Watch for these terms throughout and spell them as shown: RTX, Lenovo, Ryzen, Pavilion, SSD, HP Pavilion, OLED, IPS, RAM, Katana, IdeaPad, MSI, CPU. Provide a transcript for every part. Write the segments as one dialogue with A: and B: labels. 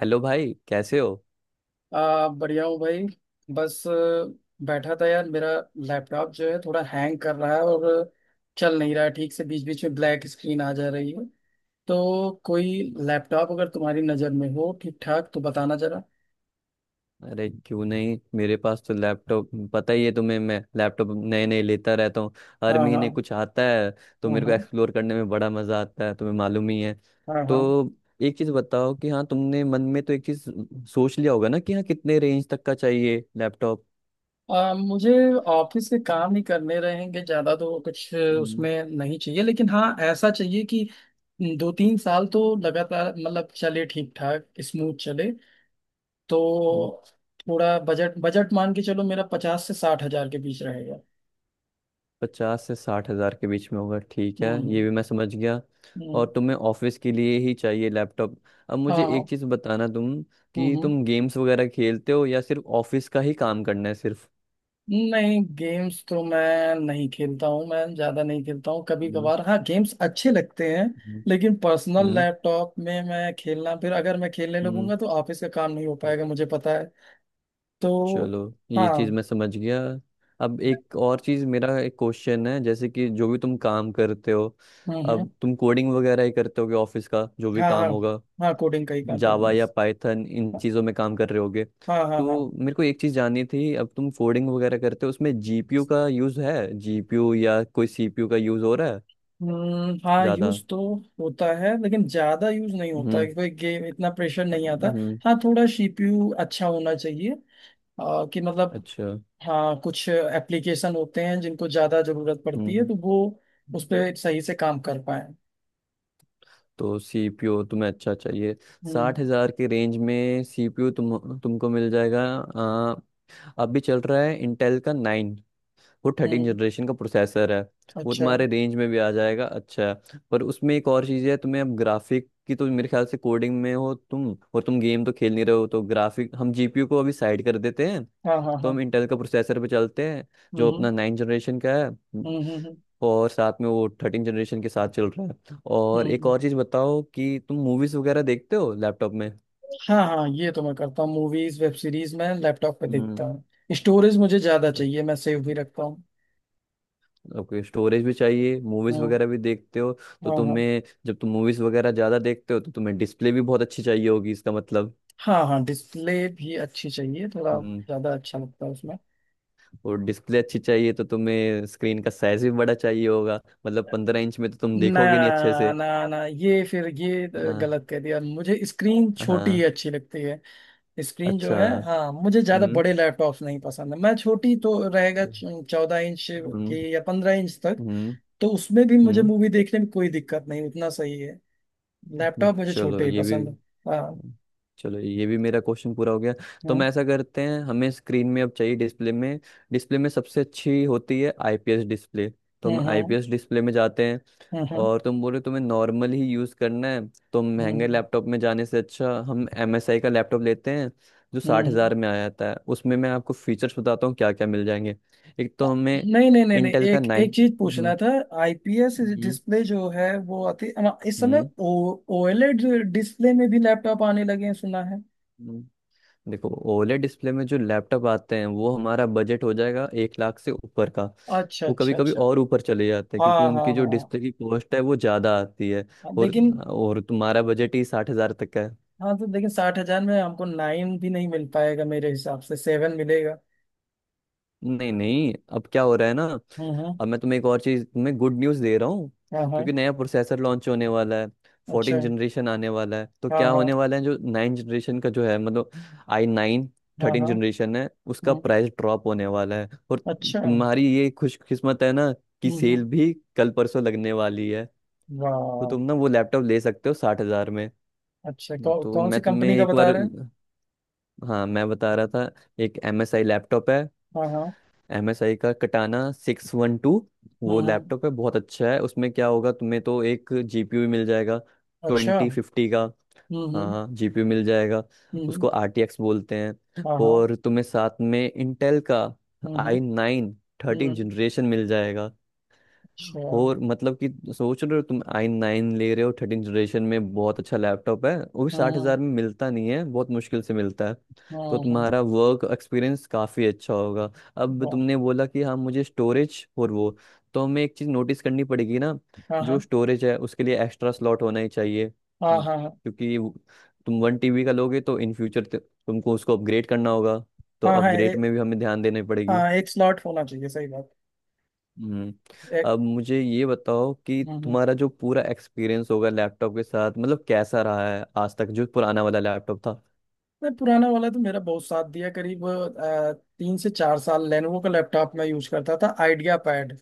A: Hello भाई, कैसे हो?
B: बढ़िया हूँ भाई। बस बैठा था यार। मेरा लैपटॉप जो है थोड़ा हैंग कर रहा है और चल नहीं रहा है ठीक से। बीच बीच में ब्लैक स्क्रीन आ जा रही है। तो कोई लैपटॉप अगर तुम्हारी नज़र में हो ठीक ठाक तो बताना जरा।
A: अरे क्यों नहीं, मेरे पास तो लैपटॉप, पता ही है तुम्हें। मैं लैपटॉप नए नए लेता रहता हूँ। हर
B: हाँ हाँ।
A: महीने कुछ आता है। तो
B: हाँ
A: मेरे को
B: हाँ।
A: एक्सप्लोर करने में बड़ा मज़ा आता है, तुम्हें मालूम ही है।
B: हाँ हाँ।
A: तो एक चीज़ बताओ कि हाँ, तुमने मन में तो एक चीज़ सोच लिया होगा ना कि हाँ, कितने रेंज तक का चाहिए लैपटॉप।
B: मुझे ऑफिस के काम ही करने रहेंगे। ज़्यादा तो कुछ उसमें नहीं चाहिए, लेकिन हाँ ऐसा चाहिए कि 2-3 साल तो लगातार मतलब चले ठीक ठाक, स्मूथ चले।
A: हम्म।
B: तो थोड़ा बजट बजट मान के चलो, मेरा 50 से 60 हजार के बीच रहेगा।
A: 50 से 60 हज़ार के बीच में होगा, ठीक है, ये
B: हम्म।
A: भी मैं समझ गया।
B: हम्म।
A: और तुम्हें ऑफिस के लिए ही चाहिए लैपटॉप। अब
B: हाँ
A: मुझे
B: हाँ।
A: एक चीज बताना तुम,
B: हम्म।
A: कि
B: हम्म।
A: तुम गेम्स वगैरह खेलते हो या सिर्फ ऑफिस का ही काम करना है सिर्फ।
B: नहीं, गेम्स तो मैं नहीं खेलता हूँ। मैं ज्यादा नहीं खेलता हूँ। कभी
A: हम्म,
B: कभार हाँ गेम्स अच्छे लगते हैं,
A: हम्म,
B: लेकिन
A: हम्म,
B: पर्सनल लैपटॉप में मैं खेलना, फिर अगर मैं खेलने
A: हम्म,
B: लगूंगा तो ऑफिस का काम नहीं हो पाएगा,
A: हम्म।
B: मुझे पता है। तो
A: चलो ये
B: हाँ।
A: चीज मैं समझ गया। अब एक और चीज, मेरा एक क्वेश्चन है, जैसे कि जो भी तुम काम करते हो,
B: हम्म।
A: अब तुम कोडिंग वगैरह ही करते होगे, ऑफिस का जो भी
B: हाँ हाँ।
A: काम होगा,
B: हाँ, कोडिंग का ही काम करना
A: जावा या
B: है।
A: पाइथन इन चीज़ों में काम कर रहे होगे।
B: हाँ हाँ हाँ हाँ।
A: तो मेरे को एक चीज़ जाननी थी, अब तुम कोडिंग वगैरह करते हो उसमें जीपीयू का यूज़ है जीपीयू या कोई सीपीयू का यूज़ हो रहा है
B: हम्म। हाँ,
A: ज़्यादा?
B: यूज तो होता है लेकिन ज्यादा यूज नहीं होता है।
A: हम्म,
B: कोई गेम इतना प्रेशर नहीं आता।
A: हम्म।
B: हाँ थोड़ा सीपीयू अच्छा होना चाहिए। आ, कि मतलब
A: अच्छा।
B: हाँ कुछ एप्लीकेशन होते हैं जिनको ज्यादा जरूरत पड़ती है,
A: हम्म।
B: तो वो उस पर सही से काम कर पाए।
A: तो सीपीयू तुम्हें अच्छा चाहिए।
B: हम्म
A: 60 हज़ार के रेंज में सीपीयू तुमको मिल जाएगा। आ, अभी चल रहा है इंटेल का नाइन, वो थर्टीन
B: हम्म।
A: जनरेशन का प्रोसेसर है। वो
B: अच्छा।
A: तुम्हारे रेंज में भी आ जाएगा। अच्छा है पर, उसमें एक और चीज़ है, तुम्हें अब ग्राफिक की, तो मेरे ख्याल से कोडिंग में हो तुम और तुम गेम तो खेल नहीं रहे हो, तो ग्राफिक, हम जीपीयू को अभी साइड कर देते हैं।
B: हाँ हाँ।
A: तो
B: हाँ।
A: हम इंटेल का प्रोसेसर पे चलते हैं, जो
B: हम्म
A: अपना नाइन जनरेशन का है,
B: हम्म।
A: और साथ में वो थर्टीन जनरेशन के साथ चल रहा है।
B: हम्म।
A: और एक
B: हम्म।
A: और चीज़ बताओ, कि तुम मूवीज़ वगैरह देखते हो लैपटॉप में?
B: हाँ हाँ, ये तो मैं करता हूँ। मूवीज वेब सीरीज मैं लैपटॉप पे
A: हम्म।
B: देखता हूँ। स्टोरेज मुझे ज्यादा चाहिए, मैं सेव भी रखता हूँ।
A: ओके, स्टोरेज भी चाहिए, मूवीज
B: हम्म।
A: वगैरह भी देखते हो। तो
B: हाँ हाँ।
A: तुम्हें, जब तुम मूवीज वगैरह ज्यादा देखते हो, तो तुम्हें डिस्प्ले भी बहुत अच्छी चाहिए होगी इसका मतलब।
B: हाँ हाँ, डिस्प्ले भी अच्छी चाहिए। थोड़ा
A: हम्म।
B: ज्यादा अच्छा लगता है उसमें।
A: और डिस्प्ले अच्छी चाहिए तो तुम्हें स्क्रीन का साइज भी बड़ा चाहिए होगा। मतलब 15 इंच में तो तुम
B: ना।
A: देखोगे नहीं अच्छे से।
B: ना ना, ये फिर ये
A: हाँ,
B: गलत कह दिया। मुझे स्क्रीन छोटी
A: हाँ।
B: ही अच्छी लगती है। स्क्रीन जो
A: अच्छा।
B: है, हाँ मुझे ज्यादा
A: हम्म,
B: बड़े लैपटॉप्स नहीं पसंद है। मैं छोटी तो रहेगा, 14 इंच
A: हम्म,
B: की या 15 इंच तक।
A: हम्म,
B: तो उसमें भी मुझे
A: हम्म,
B: मूवी देखने में कोई दिक्कत नहीं, उतना सही है।
A: हम्म,
B: लैपटॉप मुझे
A: चलो
B: छोटे ही
A: ये भी
B: पसंद है। हाँ।
A: चलो ये भी मेरा क्वेश्चन पूरा हो गया। तो हम
B: हम्म
A: ऐसा करते हैं, हमें स्क्रीन में अब चाहिए डिस्प्ले में सबसे अच्छी होती है आईपीएस डिस्प्ले। तो
B: हम्म।
A: हम आईपीएस डिस्प्ले में जाते हैं।
B: हम्म।
A: और तुम बोल रहे हो तुम्हें नॉर्मल ही यूज़ करना है, तो महंगे
B: हम्म।
A: लैपटॉप में जाने से अच्छा हम एमएसआई का लैपटॉप लेते हैं, जो साठ
B: हम्म।
A: हज़ार में आ जाता है। उसमें मैं आपको फीचर्स बताता हूँ क्या क्या मिल जाएंगे। एक तो हमें
B: नहीं नहीं नहीं नहीं,
A: इंटेल का
B: एक एक
A: नाइन।
B: चीज पूछना
A: हम्म,
B: था। आईपीएस
A: हम्म,
B: डिस्प्ले जो है वो आती इस समय
A: हम्म,
B: ओ ओएलईडी डिस्प्ले में भी लैपटॉप आने लगे हैं, सुना है।
A: हम्म। देखो, ओलेड डिस्प्ले में जो लैपटॉप आते हैं, वो हमारा बजट हो जाएगा 1 लाख से ऊपर का।
B: अच्छा
A: वो कभी
B: अच्छा
A: कभी
B: अच्छा।
A: और ऊपर चले जाते हैं, क्योंकि
B: हाँ हाँ
A: उनकी जो
B: हाँ।
A: डिस्प्ले की कॉस्ट है वो ज़्यादा आती है।
B: हाँ,
A: और
B: लेकिन।
A: और तुम्हारा बजट ही 60 हज़ार तक का है।
B: हाँ तो, लेकिन 60 हजार में हमको नाइन भी नहीं मिल पाएगा, मेरे हिसाब से सेवन मिलेगा।
A: नहीं नहीं, अब क्या हो रहा है ना,
B: हम्म।
A: अब मैं तुम्हें एक और चीज, तुम्हें गुड न्यूज दे रहा हूँ।
B: हाँ हाँ।
A: क्योंकि नया प्रोसेसर लॉन्च होने वाला है।
B: अच्छा
A: फोर्टीन
B: है।
A: जनरेशन आने वाला है, तो
B: हाँ
A: क्या
B: हाँ
A: होने वाला है, जो नाइन जनरेशन का जो है, मतलब आई नाइन
B: हाँ
A: थर्टीन
B: हाँ।
A: जनरेशन है, उसका
B: हम्म,
A: प्राइस ड्रॉप होने वाला है। और
B: अच्छा है। हम्म।
A: तुम्हारी ये खुशकिस्मत है ना, कि
B: हम्म।
A: सेल भी कल परसों लगने वाली है, तो
B: वाह।
A: तुम ना वो लैपटॉप ले सकते हो 60 हज़ार में।
B: अच्छा, कौ,
A: तो
B: कौन सी
A: मैं तुम्हें
B: कंपनी का
A: एक
B: बता
A: बार,
B: रहे हैं।
A: हाँ मैं बता रहा था, एक एम एस आई लैपटॉप है।
B: हाँ हाँ।
A: MSI का कटाना सिक्स वन टू, वो
B: हम्म।
A: लैपटॉप है, बहुत अच्छा है, उसमें क्या होगा तुम्हें, तो एक जीपीयू मिल जाएगा
B: अच्छा।
A: ट्वेंटी फिफ्टी का।
B: हम्म हम्म
A: हाँ, जीपीयू मिल जाएगा,
B: हम्म।
A: उसको RTX बोलते हैं,
B: हाँ हाँ।
A: और तुम्हें साथ में इंटेल का
B: हम्म।
A: आई नाइन थर्टीन
B: हम्म,
A: जनरेशन मिल जाएगा।
B: अच्छा।
A: और मतलब कि, सोच रहे हो तुम आई नाइन ले रहे हो थर्टीन जनरेशन में, बहुत अच्छा लैपटॉप है, वो भी साठ
B: हाँ
A: हजार में मिलता नहीं है, बहुत मुश्किल से मिलता है।
B: हाँ
A: तो
B: हाँ।
A: तुम्हारा वर्क एक्सपीरियंस काफ़ी अच्छा होगा। अब
B: वाह।
A: तुमने बोला कि हाँ मुझे स्टोरेज और वो, तो हमें एक चीज़ नोटिस करनी पड़ेगी ना,
B: हाँ हाँ
A: जो स्टोरेज है उसके लिए एक्स्ट्रा स्लॉट होना ही चाहिए,
B: हाँ हाँ।
A: क्योंकि तुम 1 टीबी का लोगे तो इन फ्यूचर तुमको उसको अपग्रेड करना होगा। तो
B: हाँ हाँ ए-
A: अपग्रेड में भी हमें ध्यान देनी पड़ेगी।
B: हाँ, एक स्लॉट होना चाहिए, सही बात।
A: हम्म।
B: एक।
A: अब मुझे ये बताओ कि
B: हम्म।
A: तुम्हारा जो पूरा एक्सपीरियंस होगा लैपटॉप के साथ, मतलब कैसा रहा है आज तक जो पुराना वाला लैपटॉप था।
B: नहीं, पुराना वाला तो मेरा बहुत साथ दिया। करीब 3 से 4 साल लेनोवो का लैपटॉप मैं यूज करता था, आइडिया पैड।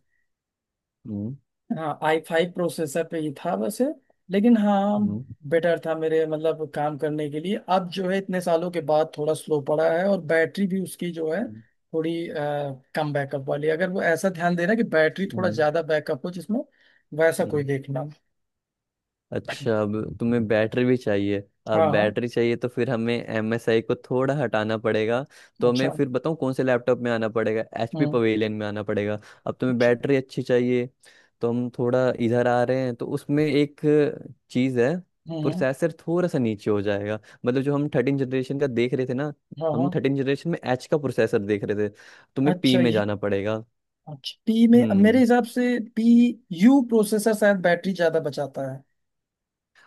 A: हम्म,
B: हाँ, i5 प्रोसेसर पे ही था वैसे। लेकिन हाँ
A: हम्म,
B: बेटर था मेरे, मतलब काम करने के लिए। अब जो है, इतने सालों के बाद थोड़ा स्लो पड़ा है, और बैटरी भी उसकी जो है
A: हम्म,
B: थोड़ी कम बैकअप वाली है। अगर वो ऐसा ध्यान देना कि बैटरी थोड़ा
A: हम्म,
B: ज्यादा बैकअप हो जिसमें, वैसा कोई
A: हम्म।
B: देखना।
A: अच्छा, अब तुम्हें बैटरी भी चाहिए।
B: हाँ
A: अब
B: हाँ।
A: बैटरी चाहिए तो फिर हमें एम एस आई को थोड़ा हटाना पड़ेगा। तो हमें
B: अच्छा।
A: फिर बताऊँ कौन से लैपटॉप में आना पड़ेगा, एच पी
B: हम्म।
A: पवेलियन में आना पड़ेगा। अब तुम्हें
B: अच्छा,
A: बैटरी अच्छी चाहिए, तो हम थोड़ा इधर आ रहे हैं, तो उसमें एक चीज़ है,
B: हम्म। हम्म।
A: प्रोसेसर थोड़ा सा नीचे हो जाएगा। मतलब जो हम थर्टीन जनरेशन का देख रहे थे ना,
B: हाँ
A: हम
B: हाँ।
A: थर्टीन जनरेशन में एच का प्रोसेसर देख रहे थे, तुम्हें पी
B: अच्छा
A: में
B: ये।
A: जाना पड़ेगा।
B: अच्छा, पी में मेरे
A: हम्म।
B: हिसाब से। पी यू प्रोसेसर शायद बैटरी ज्यादा बचाता है।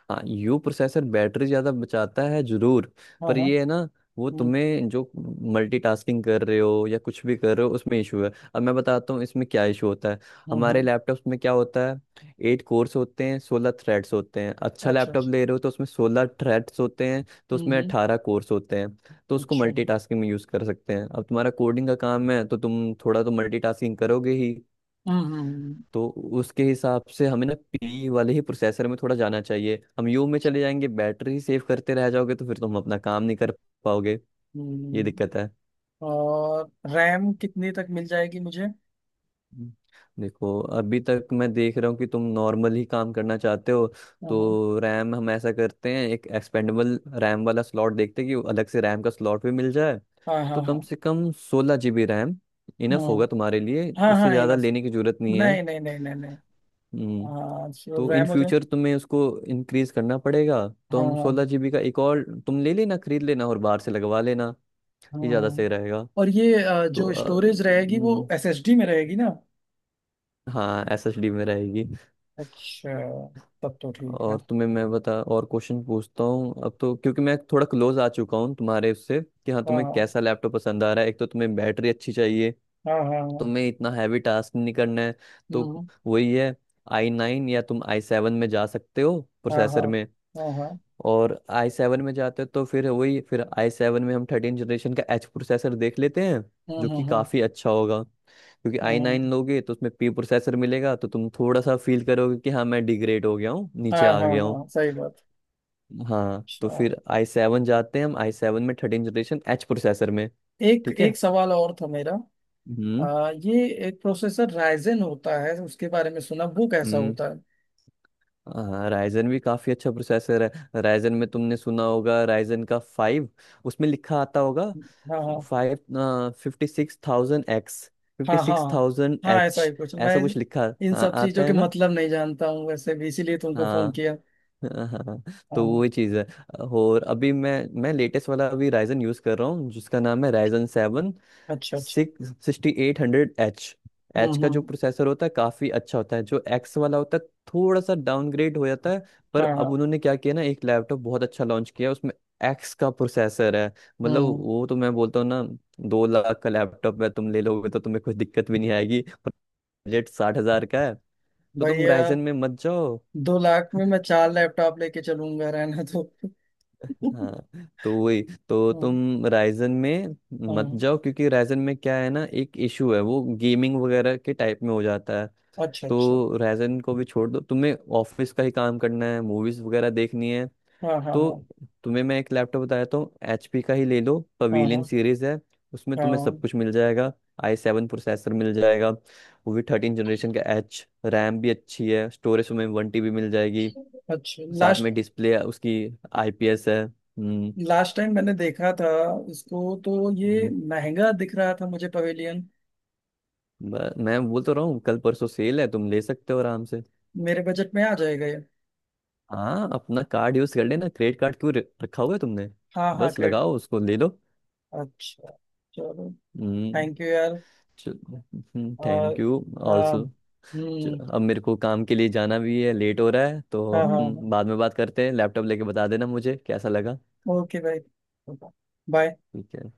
A: हाँ, यू प्रोसेसर बैटरी ज़्यादा बचाता है जरूर,
B: हाँ
A: पर
B: हाँ।
A: ये है ना, वो
B: हम्म
A: तुम्हें जो मल्टीटास्किंग कर रहे हो या कुछ भी कर रहे हो, उसमें इशू है। अब मैं बताता हूँ इसमें क्या इशू होता है।
B: हम्म।
A: हमारे लैपटॉप्स में क्या होता है, 8 कोर्स होते हैं, 16 थ्रेड्स होते हैं, अच्छा
B: अच्छा
A: लैपटॉप
B: अच्छा।
A: ले रहे हो तो उसमें 16 थ्रेड्स होते हैं, तो
B: हम्म
A: उसमें
B: हम्म।
A: 18 कोर्स होते हैं। तो उसको
B: अच्छा।
A: मल्टीटास्किंग में यूज़ कर सकते हैं। अब तुम्हारा कोडिंग का काम है, तो तुम थोड़ा तो मल्टीटास्किंग करोगे ही।
B: हम्म। हम्म।
A: तो उसके हिसाब से हमें ना पी वाले ही प्रोसेसर में थोड़ा जाना चाहिए। हम यू में चले जाएंगे बैटरी सेव करते रह जाओगे, तो फिर तो हम अपना काम नहीं कर पाओगे। ये
B: हम्म।
A: दिक्कत है।
B: और रैम कितनी तक मिल जाएगी मुझे।
A: हम्म। देखो, अभी तक मैं देख रहा हूँ कि तुम नॉर्मल ही काम करना चाहते हो।
B: हाँ हाँ
A: तो रैम, हम ऐसा करते हैं, एक एक्सपेंडेबल रैम वाला स्लॉट देखते हैं कि अलग से रैम का स्लॉट भी मिल जाए।
B: हाँ।
A: तो
B: हाँ
A: कम
B: हाँ
A: से कम 16 जीबी रैम इनफ होगा तुम्हारे लिए,
B: हाँ हाँ,
A: उससे
B: हाँ
A: ज़्यादा
B: इनफ।
A: लेने की जरूरत नहीं है।
B: नहीं नहीं नहीं नहीं नहीं।
A: हम्म।
B: हाँ, श्योर
A: तो इन
B: रैम हो जाए।
A: फ्यूचर तुम्हें उसको इंक्रीज करना पड़ेगा, तो
B: हाँ
A: हम सोलह
B: हाँ।
A: जीबी का एक और तुम ले लेना, खरीद लेना और बाहर से लगवा लेना। ये ज़्यादा सही
B: हाँ।
A: रहेगा।
B: और ये
A: तो
B: जो स्टोरेज रहेगी वो एसएसडी में रहेगी ना।
A: हाँ एसएसडी में रहेगी।
B: अच्छा, तब तो ठीक है।
A: और तुम्हें मैं बता, और क्वेश्चन पूछता हूँ अब तो, क्योंकि मैं थोड़ा क्लोज आ चुका हूँ तुम्हारे उससे कि हाँ तुम्हें
B: हाँ
A: कैसा लैपटॉप पसंद आ रहा है। एक तो तुम्हें बैटरी अच्छी चाहिए,
B: हाँ हाँ हाँ हाँ।
A: तुम्हें इतना हैवी टास्क नहीं करना है। तो
B: हम्म,
A: वही है, आई नाइन या तुम आई सेवन में जा सकते हो
B: हाँ हाँ
A: प्रोसेसर में।
B: हाँ हाँ।
A: और आई सेवन में जाते हैं तो फिर वही, फिर आई सेवन में हम थर्टीन जनरेशन का एच प्रोसेसर देख लेते हैं,
B: हम्म,
A: जो कि
B: हम्म, हम्म,
A: काफ़ी अच्छा होगा, क्योंकि आई
B: हम्म।
A: नाइन लोगे तो उसमें पी प्रोसेसर मिलेगा, तो तुम थोड़ा सा फील करोगे कि हाँ मैं डिग्रेड हो गया हूँ, नीचे
B: हाँ
A: आ
B: हाँ
A: गया हूँ।
B: हाँ, सही बात।
A: हाँ, तो
B: अच्छा।
A: फिर आई सेवन जाते हैं हम, आई सेवन में थर्टीन जनरेशन एच प्रोसेसर में।
B: एक
A: ठीक है।
B: एक सवाल और था मेरा।
A: हम्म।
B: ये एक प्रोसेसर राइजन होता है, उसके बारे में सुना वो कैसा होता है।
A: हाँ, राइजन भी काफी अच्छा प्रोसेसर है। राइजन में तुमने सुना होगा, राइजन का फाइव, उसमें लिखा आता होगा
B: हाँ हाँ।
A: Five fifty six thousand X, fifty
B: हाँ हाँ।
A: सिक्स थाउजेंड
B: हाँ ऐसा ही
A: एच,
B: कुछ मैं,
A: ऐसा कुछ लिखा।
B: इन
A: हाँ,
B: सब
A: आता
B: चीजों के
A: है ना।
B: मतलब नहीं जानता हूँ वैसे भी, इसीलिए तुमको फोन
A: हाँ।
B: किया।
A: हाँ, हाँ, तो
B: हाँ।
A: वही चीज़ है। और अभी मैं लेटेस्ट वाला अभी राइजन यूज़ कर रहा हूँ, जिसका नाम है राइजन सेवन
B: अच्छा अच्छा।
A: Six sixty eight hundred H. H का जो
B: हम्म।
A: प्रोसेसर होता है काफ़ी अच्छा होता है, जो एक्स वाला होता है थोड़ा सा डाउनग्रेड हो जाता है।
B: हाँ
A: पर अब
B: हाँ।
A: उन्होंने क्या किया ना, एक लैपटॉप बहुत अच्छा लॉन्च किया, उसमें एक्स का प्रोसेसर है। मतलब
B: हम्म।
A: वो तो मैं बोलता हूँ ना, 2 लाख का लैपटॉप है, तुम ले लोगे तो तुम्हें कोई दिक्कत भी नहीं आएगी। बजट 60 हज़ार का है, तो तुम
B: भैया,
A: राइजन में मत जाओ।
B: 2 लाख में मैं चार लैपटॉप लेके चलूंगा रहना तो
A: हाँ तो वही, तो
B: हम्म,
A: तुम राइजन में मत
B: हाँ।
A: जाओ, क्योंकि राइजन में क्या है ना, एक इशू है, वो गेमिंग वगैरह के टाइप में हो जाता है।
B: अच्छा अच्छा।
A: तो रैजन को भी छोड़ दो, तुम्हें ऑफिस का ही काम करना है, मूवीज वगैरह देखनी है।
B: हाँ हाँ
A: तो
B: हाँ।
A: तुम्हें मैं एक लैपटॉप बताया तो, एचपी का ही ले लो,
B: हाँ हाँ
A: पवेलियन सीरीज है, उसमें तुम्हें सब
B: हाँ।
A: कुछ मिल जाएगा। आई सेवन प्रोसेसर मिल जाएगा वो भी थर्टीन जनरेशन का एच, रैम भी अच्छी है, स्टोरेज तुम्हें 1 टीबी मिल जाएगी,
B: अच्छा,
A: साथ
B: लास्ट।
A: में डिस्प्ले उसकी आईपीएस है। हम्म,
B: लास्ट टाइम मैंने देखा था, इसको तो ये
A: हम्म,
B: महंगा दिख रहा था मुझे पवेलियन।
A: मैं बोल तो रहा हूँ, कल परसों सेल है, तुम ले सकते हो आराम से।
B: मेरे बजट में आ जाएगा ये?
A: हाँ, अपना कार्ड यूज कर लेना, क्रेडिट कार्ड क्यों रखा हुआ है तुमने,
B: हाँ हाँ,
A: बस
B: ग्रेट।
A: लगाओ उसको, ले लो।
B: अच्छा। चलो।
A: हम्म।
B: थैंक यू यार।
A: चलो,
B: और।
A: थैंक यू
B: हाँ
A: ऑल्सो,
B: हम्म।
A: अब मेरे को काम के लिए जाना भी है, लेट हो रहा है, तो
B: हाँ हाँ
A: हम
B: हाँ।
A: बाद में बात करते हैं, लैपटॉप लेके बता देना मुझे कैसा लगा।
B: ओके भाई। बाय।
A: ठीक है।